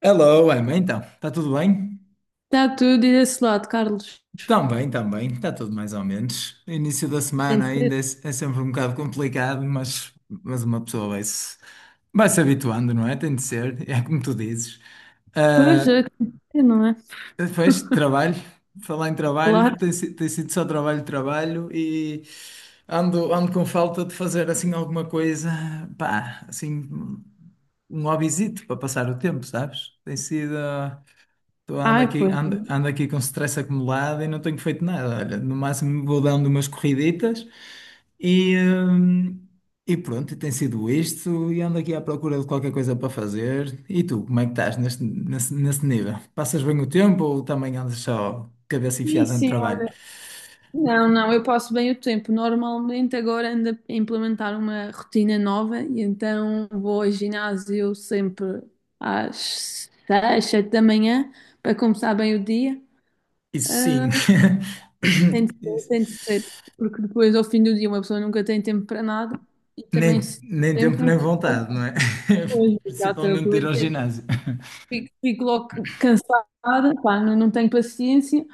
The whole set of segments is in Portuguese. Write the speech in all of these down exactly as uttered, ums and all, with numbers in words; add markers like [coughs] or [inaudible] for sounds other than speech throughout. Hello, Emma, então, está tudo bem? Está tudo e desse lado, Carlos. Também, também, está tudo mais ou menos. Início da Tem semana que ainda ser. é, é sempre um bocado complicado, mas, mas uma pessoa vai se, vai se habituando, não é? Tem de ser, é como tu dizes. Pois, é, Ah, tem que ser, não é? depois, trabalho, falar em trabalho, Claro. tem, si- tem sido só trabalho, trabalho e ando, ando com falta de fazer assim alguma coisa, pá, assim, um um hobbyzito para passar o tempo, sabes? Tem sido. ah, Estou ando Ai, aqui, pois. ando, ando aqui com stress acumulado e não tenho feito nada. Olha, no máximo vou dando umas corriditas e, hum, e pronto, e tem sido isto. E ando aqui à procura de qualquer coisa para fazer. E tu, como é que estás neste, nesse, nesse nível? Passas bem o tempo ou também andas só cabeça Sim, enfiada no sim, trabalho? olha. Não, não, eu passo bem o tempo. Normalmente agora ando a implementar uma rotina nova e então vou ao ginásio sempre às seis, sete da manhã para começar bem o dia. Isso Ah, sim. [coughs] tem de [laughs] ser, Isso. tem de ser, porque depois ao fim do dia uma pessoa nunca tem tempo para nada e também Nem, se nem tem tempo tempo não nem tem tempo vontade, para não é? coisas. [laughs] Exato. Principalmente de ir ao ginásio. Fico, fico logo cansada, pá, não, não tenho paciência.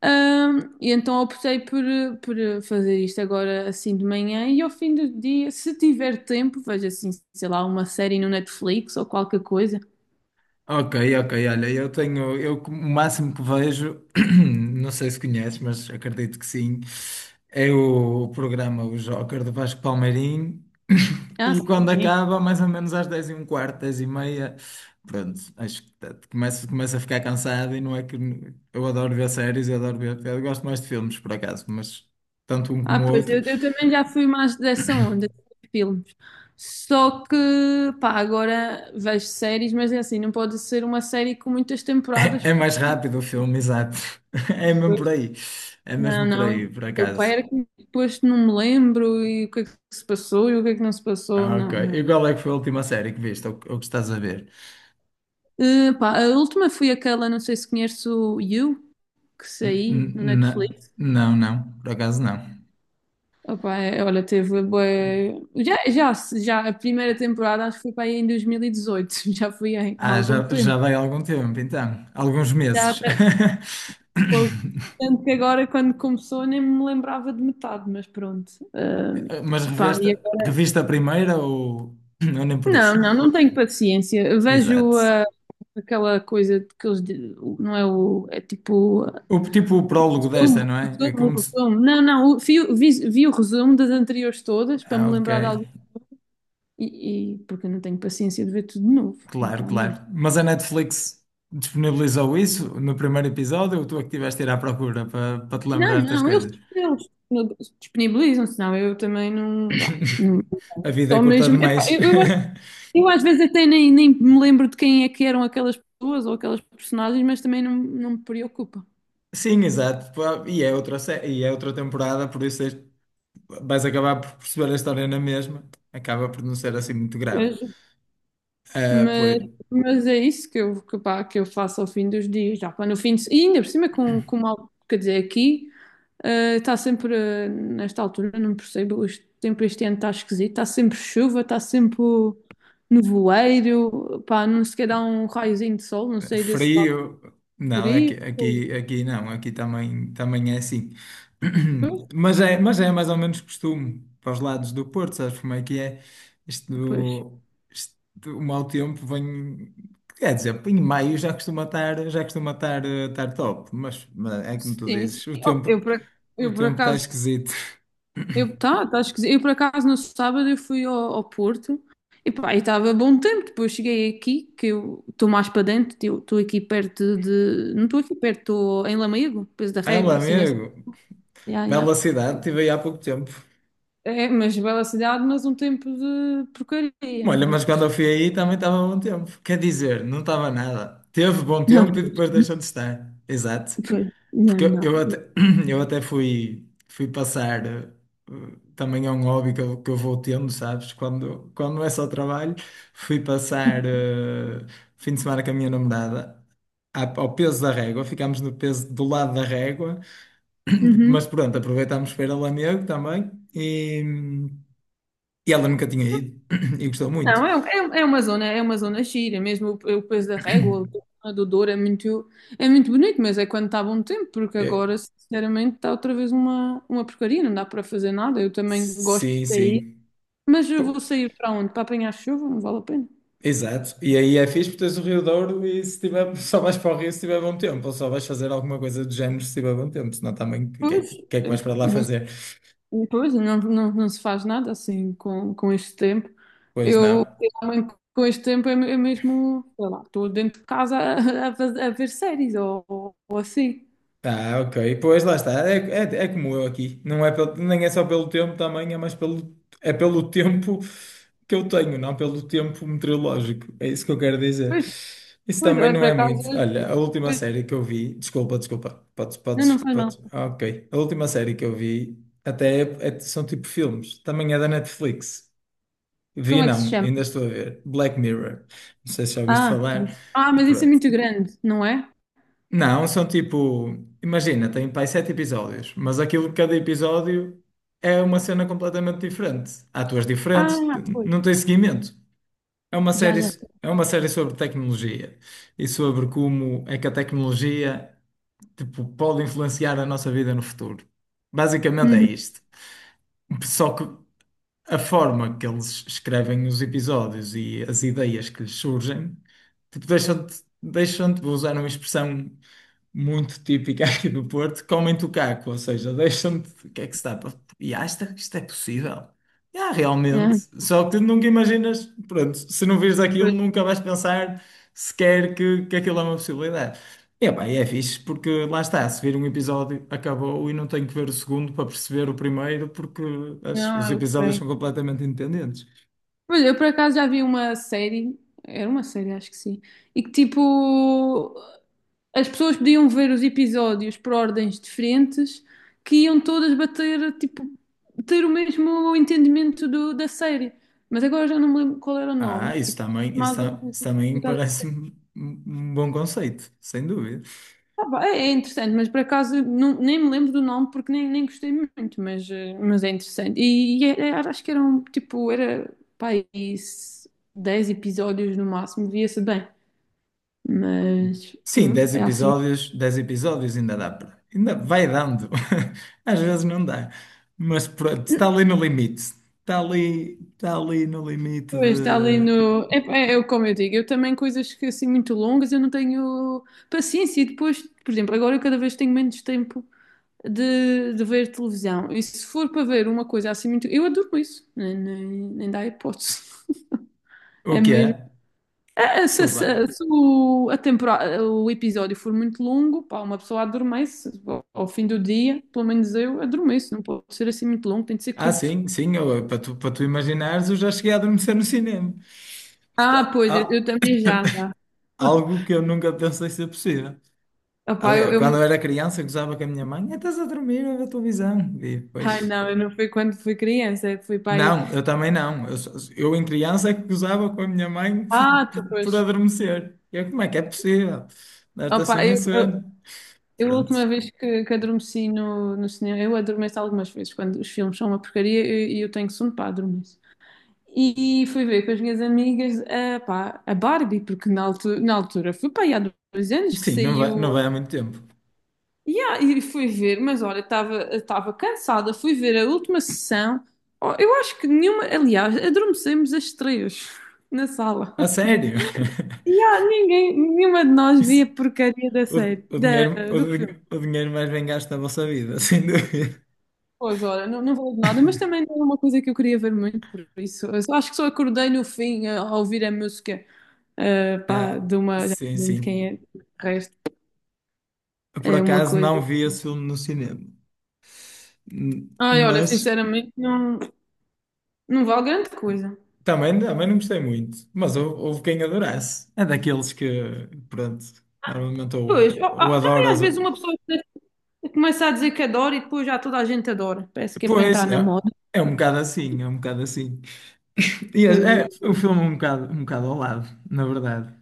Ahm, e então optei por, eh, por eh, fazer isto agora assim de manhã e ao fim do dia, se tiver tempo, vejo assim, sei lá, uma série no Netflix ou qualquer coisa. Ok, ok, olha, eu tenho, eu o máximo que vejo, [clears throat] não sei se conheces, mas acredito que sim, é o programa O Joker do Vasco Palmeirim. [clears throat] Ah, E sim, quando sim. acaba, mais ou menos às dez e um quarto, dez e meia, pronto, acho que tá- começo, começo a ficar cansado e não é que eu adoro ver séries, eu adoro ver, eu gosto mais de filmes por acaso, mas tanto um Ah, como o pois outro, eu, eu também já fui mais dessa onda de filmes. Só que, pá, agora vejo séries, mas é assim, não pode ser uma série com muitas [laughs] é, temporadas. é mais rápido o filme, exato. [laughs] É mesmo por aí, é Não, mesmo por aí, não. por O pai acaso. era que depois não me lembro e o que é que se passou e o que é que não se passou. Ah, ok. Não, E não. qual é que foi a última série que viste ou, ou que estás a ver? Eh, pá, a última foi aquela, não sei se conheces o You, que N- saiu no n- na- Netflix. Não, não, por acaso não. Opa, é, olha, teve bué- Já, já, já a primeira temporada acho que foi para aí em dois mil e dezoito, [laughs] já foi em- há Ah, algum já, já tempo. vai há algum tempo, então. Alguns Já, meses. até- [coughs] Pô, [laughs] tanto que agora quando começou nem me lembrava de metade, mas pronto. Eh, Mas Pá, reveste, reviste a primeira, ou, ou nem por não, isso? não, não tenho paciência. Eu vejo, Exato. ah, aquela coisa de que eles. Di- Não é o. É tipo. ah, O, tipo o prólogo desta, Resumo, não é? É resumo, como se. resumo. Não, não. o- Vi, o- vi, vi o resumo das anteriores todas para Ah, me ok. lembrar de algo. E, e- Porque eu não tenho paciência de ver tudo de novo. Claro, Pá, não. claro. Mas a Netflix disponibilizou isso no primeiro episódio ou tu é que estiveste a ir à procura para para te Não, lembrar das não. Eles, coisas? eles disponibilizam-se, não. Eu também não. Pá, não. [laughs] A vida é Só curta mesmo. Epá, demais. eu, eu, [laughs] eu às vezes até nem, nem me lembro de quem é que eram aquelas pessoas ou aquelas personagens, mas também não, não me preocupa. Sim, exato. Pá, E é outra, sé- e é outra temporada, por isso és- vais acabar por perceber a história na mesma. Acaba por não ser assim muito grave. Ah, pois. Mas, mas é isso que eu, que, pá, que eu faço ao fim dos dias, já pá, no fim de, e ainda por cima com, com mal, quer dizer, aqui eh, está sempre, eh, nesta altura, não percebo, este tempo este ano está esquisito, está sempre chuva, está sempre nevoeiro, pá, não sequer dá um raiozinho de sol, não sei, desse lado Frio? Não, frio, aqui, aqui, aqui não, aqui também, também é assim. pois, [clears throat] Mas é, mas é mais ou menos costume para os lados do Porto, sabes como é que é? Isto, pois, do- isto, do- o mau tempo vem. Quer dizer, em maio já costuma estar, já costuma estar, eh, estar top, mas, mas é como tu sim, sim. dizes, o Oh, tempo, eu por, ac- o eu por tempo está acaso esquisito. [laughs] eu, tá, tá esquisito. Eu, por acaso, no sábado eu fui ao, ao Porto e pá, estava bom tempo. Depois cheguei aqui, que eu estou mais para dentro, eu estou aqui perto de... Não estou aqui perto, estou em Lamego, depois da Ah, meu Régua, assim, nessa... amigo, Ya, ya. bela cidade, estive aí há pouco tempo. É, mas bela cidade, mas um tempo de porcaria, não Olha, é? mas quando eu fui aí também estava bom tempo. Quer dizer, não estava nada. Teve bom tempo e depois [laughs] deixou de estar. Exato. Não, não, Porque eu, eu não. até, [clears throat] eu até fui, fui passar. eh, Também é um hobby que eu, que eu vou tendo, sabes? Quando, quando não é só trabalho, fui passar eh, fim de semana com a minha namorada à- ao Peso da Régua. Ficámos no Peso do lado da Régua. [clears throat] Mas Uhum. pronto, aproveitámos para ir a Lamego também. E e ela nunca tinha ido [clears throat] e gostou muito. Não, é, um- é, um- é uma zona, é uma zona gira, mesmo o, o Peso da Régua, a do Douro é muito, é muito bonito, mas é quando está bom tempo, porque agora, sinceramente, está outra vez uma, uma porcaria, não dá para fazer nada. Eu também gosto de Sim, sair, sim. mas eu vou Pô, sair para onde? Para apanhar chuva? Não vale a pena. exato. E aí é fixe porque tens o Rio Douro e, se tiver, [laughs] só vais para o rio se tiver bom tempo, ou só vais fazer alguma coisa do género se tiver bom tempo, senão também o que é Pois, que o que é que eu- vais para lá fazer? não, pois, não, não, não se faz nada assim com, com este tempo. Pois não. Eu, realmente, com este tempo, é, me- é mesmo, sei lá, estou dentro de casa a, a, fazer- a ver séries ou, ou, ou assim. Ah, ok. Pois lá está. É, é, é como eu aqui. Não é pelo- nem é só pelo tempo também, é mais pelo, é pelo tempo que eu tenho, não pelo tempo meteorológico. É isso que eu quero dizer. Pois, Isso pois, também olha, não por é acaso. muito. Olha, a última Pois, série que eu vi. Desculpa, desculpa. Podes, não, podes, não faz podes. mal. Ah, ok. A última série que eu vi até é- é- são tipo filmes. Também é da Netflix. Como Vi é que se não, chama? ainda estou a ver. Black Mirror. Não sei se já ouviste Ah, falar. isso. Ah, mas isso é Pronto. muito grande, não é? Não, são tipo, imagina, tem pai sete episódios, mas aquilo que cada episódio é uma cena completamente diferente. Há atores diferentes, t- Ah, pois. não tem seguimento. É uma Já, série, já. é uma série sobre tecnologia e sobre como é que a tecnologia, tipo, pode influenciar a nossa vida no futuro. Basicamente é Uhum. isto. Só que a forma que eles escrevem os episódios e as ideias que lhes surgem, tipo, deixam-te, deixam-te, vou usar uma expressão muito típica [laughs] aqui do Porto, comem-te o caco, ou seja, deixam-te, o que é que se dá para. E ah, isto, é- isto é possível. E, Ah, Ah, realmente, só que tu nunca imaginas, pronto, se não vires aquilo, pois. nunca vais pensar sequer que, que aquilo é uma possibilidade. É, pá, e é fixe porque lá está, se vir um episódio acabou e não tenho que ver o segundo para perceber o primeiro porque as- os Ah, episódios ok. são completamente independentes. Pois, eu por acaso já vi uma série, era uma série, acho que sim, e que tipo, as pessoas podiam ver os episódios por ordens diferentes, que iam todas bater, tipo, ter o mesmo entendimento do- da série. Mas agora já não me lembro qual era o nome. Ah, isso Tipo, também, isso, mais ou ta- menos. isso também parece-me um um bom conceito, sem dúvida. Ah, pá, é interessante, mas por acaso não- nem me lembro do nome porque nem, nem gostei muito, mas, eh, mas é interessante. E, e é- é- acho que eram tipo, era pá, isso, dez episódios no máximo, via-se bem. Mas Sim, pronto, dez é assim. episódios, dez episódios ainda dá para. Ainda vai dando. [laughs] Às vezes não dá. Mas pronto, está ali no limite. Está ali, está ali no limite Pois, está ali de. no. É, é, é como eu digo, eu também coisas que assim muito longas eu não tenho paciência. E depois, por exemplo, agora eu cada vez tenho menos tempo de, de ver televisão. E se for para ver uma coisa assim muito. Eu adoro isso, nem, nem, nem dá hipótese. [laughs] O É que é? mesmo. Ah, Se, Desculpa. se- se o, a temporada, o episódio for muito longo, pá, uma pessoa adormece ao, ao fim do dia, pelo menos eu adormeço, não pode ser assim muito longo, tem de ser Ah, curto. sim, sim, eu- para tu, para tu imaginares, eu já cheguei a adormecer no cinema. Ah, Porta- pois, eu, eu ah, também já, já. algo que eu nunca pensei ser possível. Opá, eu, Aliás, eu quando me- eu era criança, eu gozava com a minha mãe, "Ah, estás a dormir a ver televisão." E Ai, depois, não, eu não fui quando fui criança, fui para aí. não, eu também não. Eu, só- eu em criança é que gozava com a minha mãe [laughs] por, Ah, por, depois, por pois. adormecer. E eu, como é que é possível? Dar-te Opá, assim a eu, eu, sono. eu a Pronto. última vez que, que adormeci no, no cinema, eu adormeço algumas vezes, quando os filmes são uma porcaria e eu, eu tenho sono para adormecer. E fui ver com as minhas amigas a, pá, a Barbie, porque na altura, na altura foi pá, aí há dois anos que Sim, não vai, saiu. não vai há muito tempo. E, ah, e fui ver, mas olha, estava estava cansada. Fui ver a última sessão. Oh, eu acho que nenhuma, aliás, adormecemos as três na sala. A [laughs] sério. E [laughs] ah, ninguém, nenhuma de nós Isso- via porcaria da O, série, o da, dinheiro, o, do din- filme. o dinheiro mais bem gasto da vossa vida, [laughs] sem dúvida. Pois olha, não, não valeu de nada, mas também não é uma coisa que eu queria ver muito, por isso, eu só- acho que só acordei no fim a, a ouvir a música. Uh, pá, de Ah, uma, já sim, não lembro de quem é, sim. de resto, Por é uma acaso coisa. não vi esse filme no cinema. Hum, Ai, olha, mas sinceramente, não, não vale grande coisa. também, também não gostei muito. Mas hou- houve quem adorasse. É daqueles que, pronto, normalmente Pois, ou, ó, ou ah, também às adoras, ou- vezes uma pessoa começa a dizer que adora e depois já toda a gente adora. Parece que é para pois, entrar é, na moda. é um bocado assim, é um bocado assim. [laughs] E é, Pois é. é o filme é um bocado, um bocado ao lado, na verdade.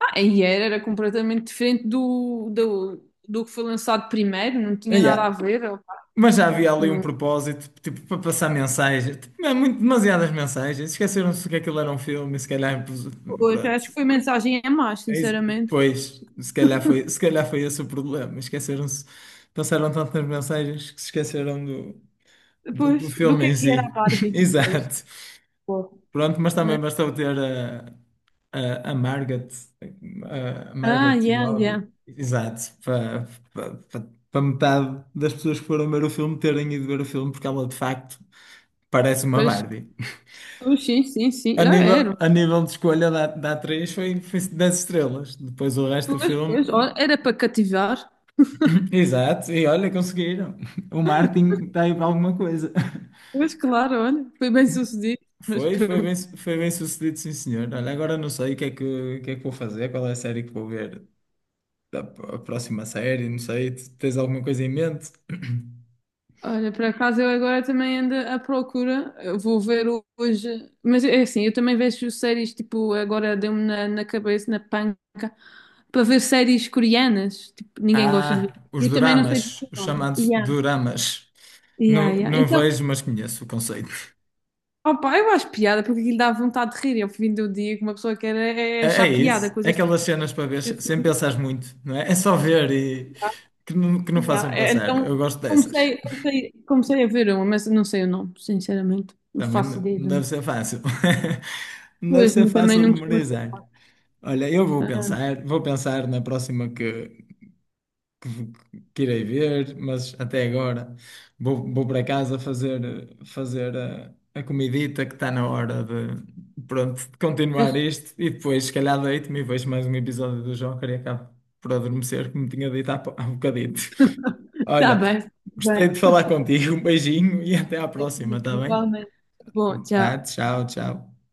Ah, e era, era completamente diferente do, do, do que foi lançado primeiro, não Ah, tinha nada a yeah. ver. Ó, pá, Mas já havia ali um não. propósito, tipo, para passar mensagens, tipo, é muito, demasiadas mensagens. Esqueceram-se que aquilo era um filme e se calhar, Pois, pronto. acho que foi mensagem a mais, É isso. sinceramente. Pois, se calhar foi, se calhar foi esse o problema. Esqueceram-se, pensaram tanto nas mensagens que se esqueceram do, do, Pois, do do filme que é em que era a si. [laughs] Barbie? Pois, Exato. pô. Pronto, mas também Mas- bastou ter a, a, a Margaret, a, a Ah, Margaret yeah, yeah. Robbie, exato, para para- para- para metade das pessoas que foram ver o filme terem ido ver o filme, porque ela de facto parece uma Pois. Barbie. Pois, sim, sim, A sim. Ah, nível, era. a nível de escolha da, da atriz foi, foi dez estrelas. Depois o resto do Pois, filme. pois, olha, era para cativar. Exato, e olha, conseguiram. O Martin está aí para alguma coisa. Pois, claro, olha, foi bem sucedido. Mas Foi, foi bem, pronto. foi bem sucedido, sim, senhor. Olha, agora não sei o que é que, o que é que vou fazer, qual é a série que vou ver, a a próxima série, não sei. Tu tens alguma coisa em mente? Olha, por acaso eu agora também ando à procura. Eu vou ver hoje. Mas é assim, eu também vejo séries, tipo, agora deu-me na, na cabeça, na panca, para ver séries coreanas. Tipo, ninguém gosta de Ah, ver. os Eu também não sei doramas, dizer os o nome. chamados Yeah. doramas. Yeah, Não, yeah. não Então, vejo, mas conheço o conceito. opa, eu acho piada porque aquilo dá vontade de rir. Ao fim do dia, que uma pessoa quer é, é É, é achar piada, isso, é coisas aquelas cenas para ver assim. sem pensar muito, não é? É só ver e que não, que não Yeah, façam é- pensar. Então Eu gosto dessas. comecei, comecei, comecei a ver uma, mas não sei o nome, sinceramente. Não Também faço n- ideia não do deve nome. ser fácil. [laughs] Não deve Pois, ser mas também fácil não costumo ser memorizar. fácil. Olha, eu vou pensar, vou pensar na próxima que, que, que irei ver, mas até agora vou, vou para casa fazer, fazer a, a comidita que está na hora de, pronto, de continuar Mas isto e depois, se calhar, deito-me e vejo mais um episódio do Joker e acabo por adormecer, como tinha dito há, po- há bocadito. [laughs] está Olha, bem, tá bem. gostei de falar contigo, um beijinho e até à próxima, está bem? Igualmente. Bom, Tá? tchau. Tchau, tchau.